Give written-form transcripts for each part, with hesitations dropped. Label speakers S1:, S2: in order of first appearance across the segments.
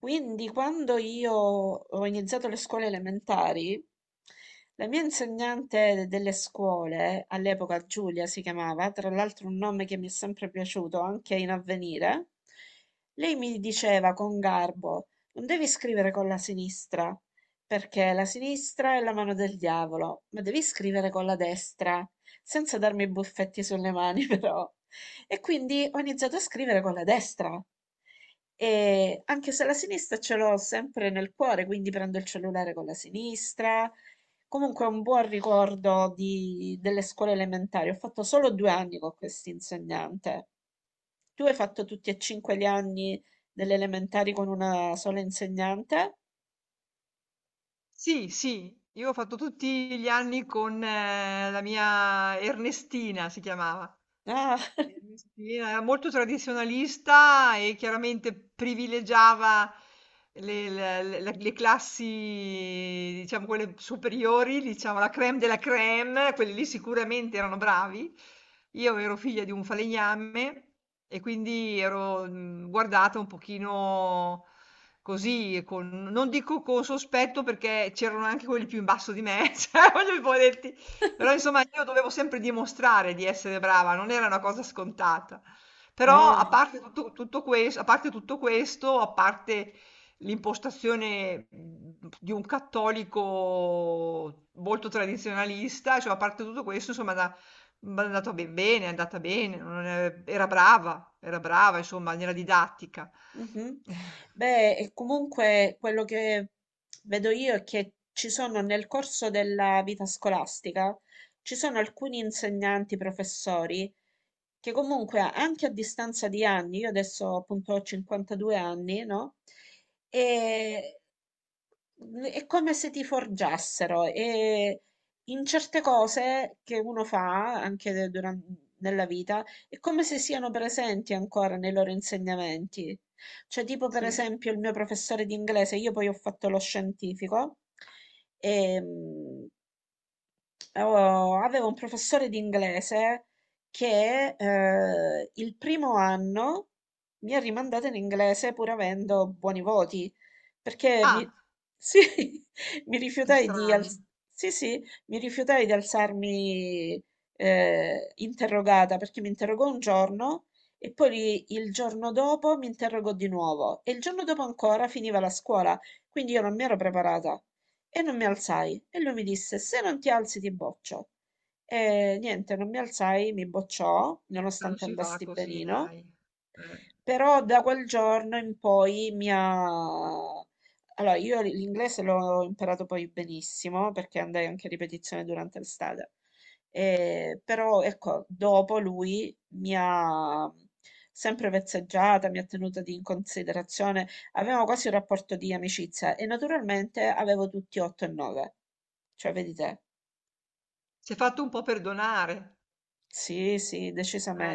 S1: Quindi quando io ho iniziato le scuole elementari, la mia insegnante delle scuole, all'epoca Giulia si chiamava, tra l'altro un nome che mi è sempre piaciuto anche in avvenire, lei mi diceva con garbo, non devi scrivere con la sinistra, perché la sinistra è la mano del diavolo, ma devi scrivere con la destra, senza darmi buffetti sulle mani però. E quindi ho iniziato a scrivere con la destra. E anche se la sinistra ce l'ho sempre nel cuore, quindi prendo il cellulare con la sinistra. Comunque è un buon ricordo delle scuole elementari. Ho fatto solo 2 anni con questa insegnante. Tu hai fatto tutti e cinque gli anni delle elementari con una sola insegnante?
S2: Sì, sì, io ho fatto tutti gli anni con la mia Ernestina, si chiamava.
S1: Ah,
S2: Eh, sì, era molto tradizionalista e chiaramente privilegiava le- le classi, diciamo, quelle superiori, diciamo, la crème della crème, quelli lì sicuramente erano bravi. Io ero figlia di un falegname e quindi ero guardata un pochino così, non dico con sospetto perché c'erano anche quelli più in basso di me, cioè, voglio però insomma io dovevo sempre dimostrare di essere brava, non era una cosa scontata. Però a
S1: ah.
S2: parte tutto, a parte tutto questo, a parte l'impostazione di un cattolico molto tradizionalista, cioè a parte tutto questo, insomma, mi è andato ben bene, è andata bene, non è- era brava, insomma, nella didattica.
S1: Mhm.
S2: Eh,
S1: Beh, e comunque quello che vedo io è che ci sono nel corso della vita scolastica, ci sono alcuni insegnanti, professori, che comunque anche a distanza di anni, io adesso appunto ho 52 anni, no? E è come se ti forgiassero e in certe cose che uno fa anche nella vita è come se siano presenti ancora nei loro insegnamenti. Cioè, tipo per
S2: Sì.
S1: esempio il mio professore di inglese, io poi ho fatto lo scientifico, e, oh, avevo un professore di inglese che il primo anno mi ha rimandato in inglese pur avendo buoni voti, perché
S2: Ah,
S1: sì, mi
S2: che
S1: rifiutai di,
S2: strano,
S1: sì, sì, mi rifiutai di alzarmi interrogata, perché mi interrogò un giorno e poi il giorno dopo mi interrogò di nuovo e il giorno dopo ancora finiva la scuola, quindi io non mi ero preparata. E non mi alzai. E lui mi disse: se non ti alzi, ti boccio. E niente, non mi alzai, mi bocciò,
S2: non
S1: nonostante
S2: si fa
S1: andasti
S2: così,
S1: benino.
S2: dai. Eh,
S1: Però da quel giorno in poi mi ha... Allora, io l'inglese l'ho imparato poi benissimo perché andai anche a ripetizione durante l'estate. Però ecco, dopo lui mi ha sempre vezzeggiata, mi ha tenuta in considerazione. Avevamo quasi un rapporto di amicizia e naturalmente avevo tutti 8 e 9. Cioè, vedi te?
S2: Si è fatto un po' perdonare.
S1: Sì, sì,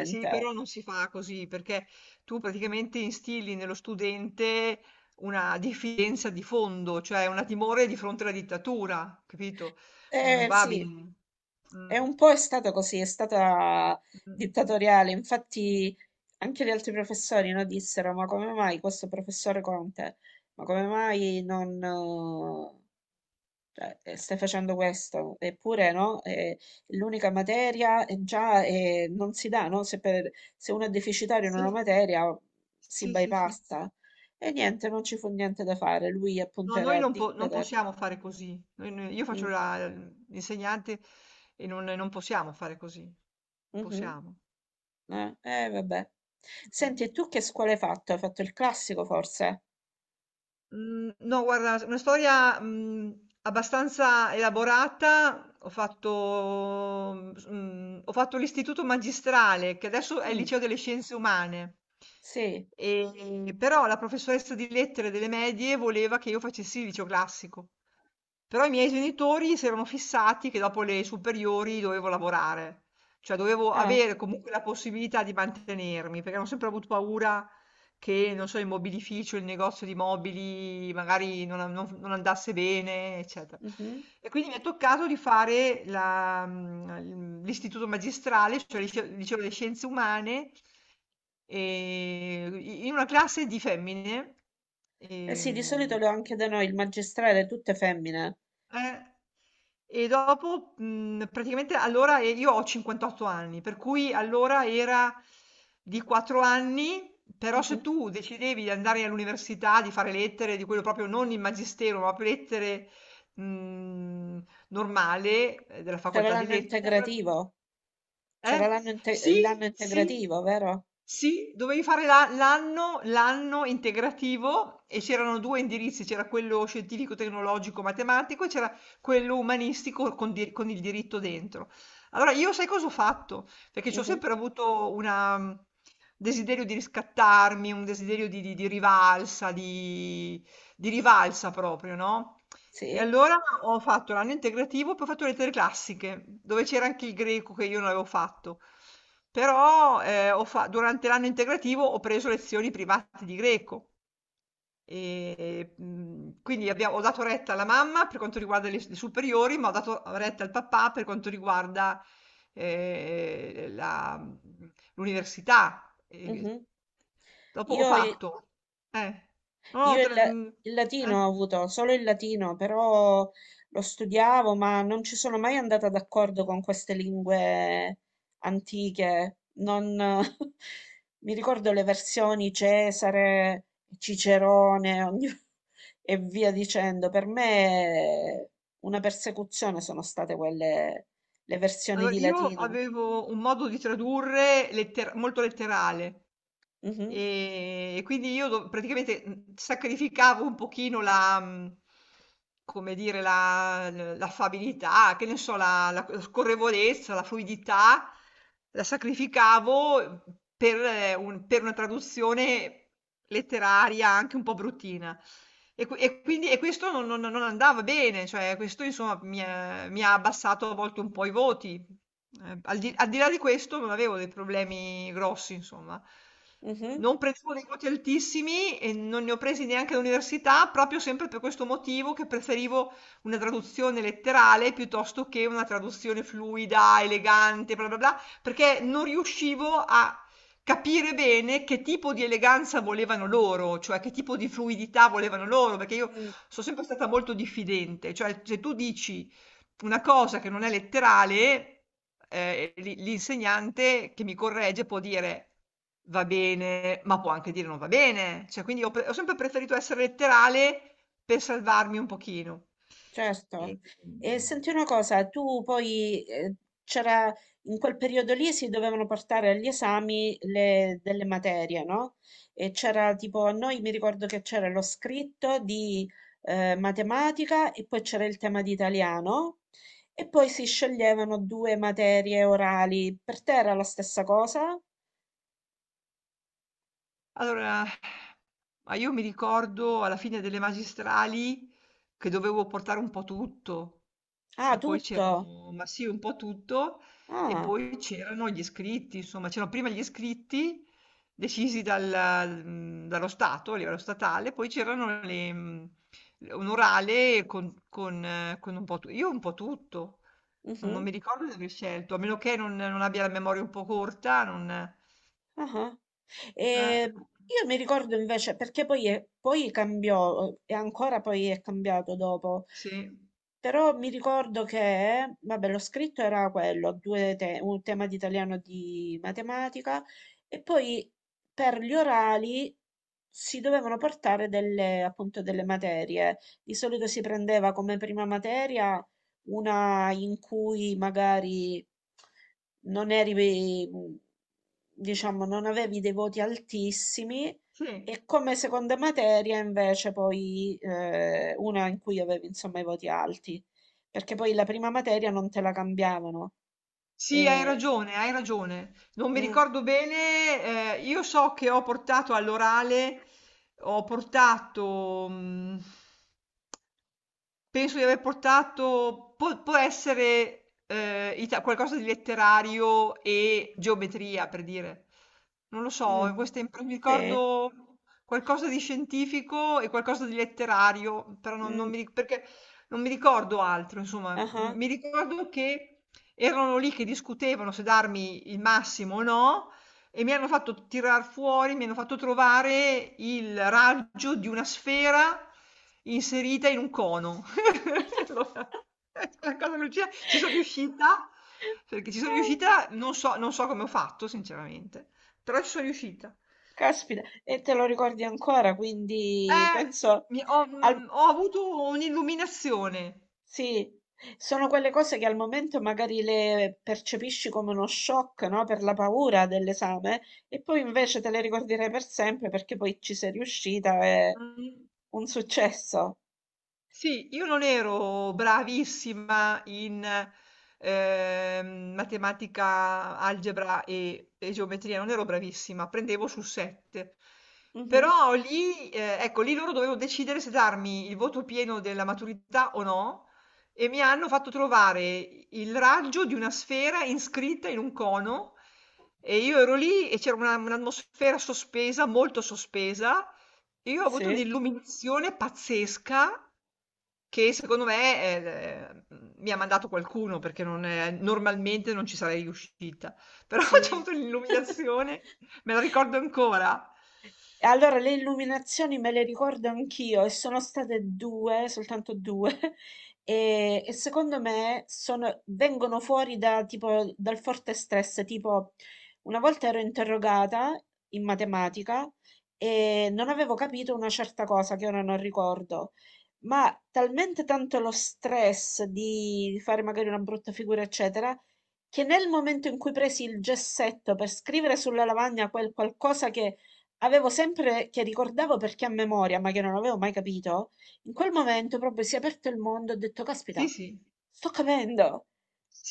S2: Sì, però non si fa così perché tu praticamente instilli nello studente una diffidenza di fondo, cioè una timore di fronte alla dittatura, capito? Non
S1: Eh
S2: va
S1: sì,
S2: bene.
S1: è
S2: Mm,
S1: un po' è stata così, è stata
S2: mm.
S1: dittatoriale. Infatti anche gli altri professori no, dissero, ma come mai questo professore Conte, ma come mai non cioè, stai facendo questo? Eppure no, è l'unica materia è già non si dà, no? Se, se uno è deficitario in una
S2: Sì,
S1: materia si
S2: sì, sì, sì.
S1: bypassa. E niente, non ci fu niente da fare. Lui
S2: No,
S1: appunto
S2: noi
S1: era
S2: non, po- non
S1: dictator.
S2: possiamo fare così. Io faccio
S1: Mm,
S2: l'insegnante e non possiamo fare così. Non
S1: mhm.
S2: possiamo.
S1: Vabbè.
S2: Mm.
S1: Senti, e tu che scuola hai fatto? Hai fatto il classico forse?
S2: Mhmm, no guarda, s una storia, abbastanza elaborata. Ho fatto, mhmm, s mhmm, ho fatto l'istituto magistrale, che adesso è il
S1: Mm,
S2: liceo delle scienze umane.
S1: sì.
S2: Però la professoressa di lettere delle medie voleva che io facessi il liceo classico. Però i miei genitori si erano fissati che dopo le superiori dovevo lavorare, cioè dovevo
S1: Ah,
S2: avere comunque la possibilità di mantenermi, perché hanno sempre avuto paura che, non so, il mobilificio, il negozio di mobili magari non andasse bene, eccetera.
S1: mhm.
S2: E quindi mi è toccato di fare l'istituto magistrale, cioè il liceo delle scienze umane, e- in una classe di femmine.
S1: Eh sì, di solito
S2: ehm,
S1: lo anche da noi, il magistrale, tutte femmine.
S2: eh. E dopo, praticamente allora e io ho 58 anni, per cui allora era di 4 anni, però
S1: Mhm.
S2: se tu decidevi di andare all'università, di fare lettere, di quello proprio non il magistero, ma proprio lettere, normale, della
S1: C'era
S2: facoltà di
S1: l'anno
S2: lettere, allora
S1: integrativo. C'era
S2: eh? Sì,
S1: l'anno
S2: sì,
S1: integrativo, vero?
S2: sì, dovevi fare la l'anno l'anno integrativo e c'erano 2 indirizzi, c'era quello scientifico, tecnologico, matematico e c'era quello umanistico con il diritto dentro. Allora io sai cosa ho fatto? Perché c'ho
S1: Mhm,
S2: sempre avuto desiderio di riscattarmi, un desiderio di rivalsa, di rivalsa proprio, no? E
S1: sì.
S2: allora ho fatto l'anno integrativo, poi ho fatto lettere classiche, dove c'era anche il greco che io non avevo fatto. Però durante l'anno integrativo ho preso lezioni private di greco. E, quindi ho dato retta alla mamma per quanto riguarda le superiori, ma ho dato retta al papà per quanto riguarda eh, la- l'università.
S1: Mhm.
S2: Dopo ho
S1: Io
S2: fatto. Eh, no,
S1: Io
S2: tre-
S1: il,
S2: mh,
S1: il latino
S2: eh.
S1: ho avuto solo il latino, però lo studiavo, ma non ci sono mai andata d'accordo con queste lingue antiche. Non... Mi ricordo le versioni Cesare, Cicerone e via dicendo. Per me una persecuzione sono state quelle, le versioni
S2: Allora,
S1: di
S2: io
S1: latino.
S2: avevo un modo di tradurre molto letterale.
S1: Mhm,
S2: E quindi io do praticamente, sacrificavo un pochino la, come dire, la l l'affabilità, che ne so, la scorrevolezza, la fluidità, la sacrificavo per una traduzione letteraria anche un po' bruttina. E qui e quindi e questo non andava bene, cioè questo insomma mi ha abbassato a volte un po' i voti. Al di là di questo non avevo dei problemi grossi, insomma.
S1: mhm,
S2: Non prendevo dei voti altissimi e non ne ho presi neanche all'università, proprio sempre per questo motivo che preferivo una traduzione letterale piuttosto che una traduzione fluida, elegante, bla bla bla, perché non riuscivo a capire bene che tipo di eleganza volevano loro, cioè che tipo di fluidità volevano loro, perché io
S1: mm.
S2: sono sempre stata molto diffidente, cioè se tu dici una cosa che non è letterale, l'insegnante che mi corregge può dire: "Va bene", ma può anche dire: "Non va bene". Cioè quindi ho sempre preferito essere letterale per salvarmi un pochino.
S1: Certo.
S2: E, mhmm
S1: E senti una cosa, tu poi c'era in quel periodo lì si dovevano portare agli esami delle materie, no? E c'era tipo a noi mi ricordo che c'era lo scritto di matematica e poi c'era il tema di italiano e poi si sceglievano due materie orali. Per te era la stessa cosa?
S2: Allora, ma io mi ricordo alla fine delle magistrali che dovevo portare un po' tutto
S1: Ah,
S2: e poi
S1: tutto.
S2: c'erano, ma sì, un po' tutto e
S1: Ah,
S2: poi c'erano gli iscritti, insomma, c'erano prima gli iscritti decisi dallo Stato, a livello statale, poi c'erano un orale con un po' tutto. Io un po' tutto, non
S1: mhm.
S2: mi ricordo di aver scelto, a meno che non abbia la memoria un po' corta, non...
S1: Ah-ah.
S2: eh,
S1: Io mi ricordo invece perché poi poi cambiò, e ancora poi è cambiato dopo.
S2: sì.
S1: Però mi ricordo che, vabbè, lo scritto era quello, un tema di italiano e di matematica, e poi per gli orali si dovevano portare delle, appunto, delle materie. Di solito si prendeva come prima materia una in cui magari non eri, diciamo, non
S2: Sì.
S1: avevi dei voti altissimi
S2: Sì,
S1: e come seconda materia invece poi una in cui avevi insomma i voti alti, perché poi la prima materia non te la cambiavano.
S2: Sì, hai
S1: Eh,
S2: ragione, hai ragione. Non mi
S1: mm,
S2: ricordo bene, io so che ho portato all'orale, ho portato, penso di aver portato, può essere qualcosa di letterario e
S1: mm,
S2: geometria, per dire. Non lo so,
S1: mm,
S2: mi
S1: sì,
S2: ricordo qualcosa di scientifico e qualcosa di letterario, però non, non
S1: mm,
S2: mi, ri- perché non mi ricordo altro, insomma,
S1: ah.
S2: mi ricordo che erano lì che discutevano se darmi il massimo o no e mi hanno fatto tirar fuori, mi hanno fatto trovare il raggio di una sfera inserita in un cono. Allora, la cosa Lucia, ci sono riuscita, perché ci sono
S1: Ah,
S2: riuscita, non so, non so come ho fatto, sinceramente, però ci sono riuscita.
S1: caspita, e te lo ricordi ancora, quindi
S2: Eh,
S1: penso
S2: ho,
S1: al,
S2: mm, ho avuto un'illuminazione.
S1: sì, sono quelle cose che al momento magari le percepisci come uno shock, no? Per la paura dell'esame e poi invece te le ricorderai per sempre perché poi ci sei riuscita, è
S2: Mm.
S1: un successo.
S2: Sì, io non ero bravissima in, matematica, algebra e geometria, non ero bravissima, prendevo su 7.
S1: Mhm,
S2: Però lì, ecco, lì loro dovevano decidere se darmi il voto pieno della maturità o no, e mi hanno fatto trovare il raggio di una sfera iscritta in un cono, e io ero lì e c'era un'atmosfera sospesa, molto sospesa, e io ho avuto
S1: sì,
S2: un'illuminazione pazzesca. Che secondo me, mi ha mandato qualcuno perché non è normalmente non ci sarei riuscita, però c'ho
S1: sì.
S2: avuto l'illuminazione, me la ricordo ancora.
S1: E allora, le illuminazioni me le ricordo anch'io e sono state due, soltanto due, e secondo me vengono fuori da, tipo, dal forte stress. Tipo, una volta ero interrogata in matematica e non avevo capito una certa cosa che ora non ricordo, ma talmente tanto lo stress di fare magari una brutta figura, eccetera, che nel momento in cui presi il gessetto per scrivere sulla lavagna quel qualcosa che avevo sempre che ricordavo perché a memoria, ma che non avevo mai capito, in quel momento proprio si è aperto il mondo, e ho detto,
S2: Sì,
S1: caspita,
S2: sì.
S1: sto capendo.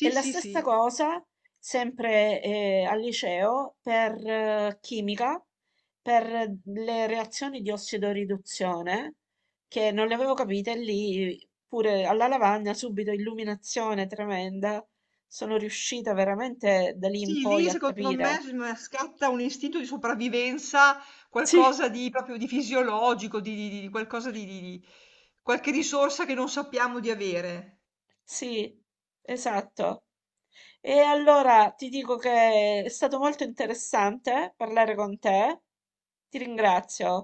S1: E la
S2: sì,
S1: stessa
S2: sì.
S1: cosa, sempre al liceo, per chimica, per le reazioni di ossidoriduzione, che non le avevo capite lì, pure alla lavagna, subito illuminazione tremenda. Sono riuscita veramente da lì in
S2: Sì,
S1: poi
S2: lì
S1: a
S2: secondo me
S1: capire.
S2: scatta un istinto di sopravvivenza,
S1: Sì,
S2: qualcosa di proprio di fisiologico, di qualcosa di qualche risorsa che non sappiamo di avere.
S1: sì, esatto. E allora ti dico che è stato molto interessante parlare con te. Ti ringrazio.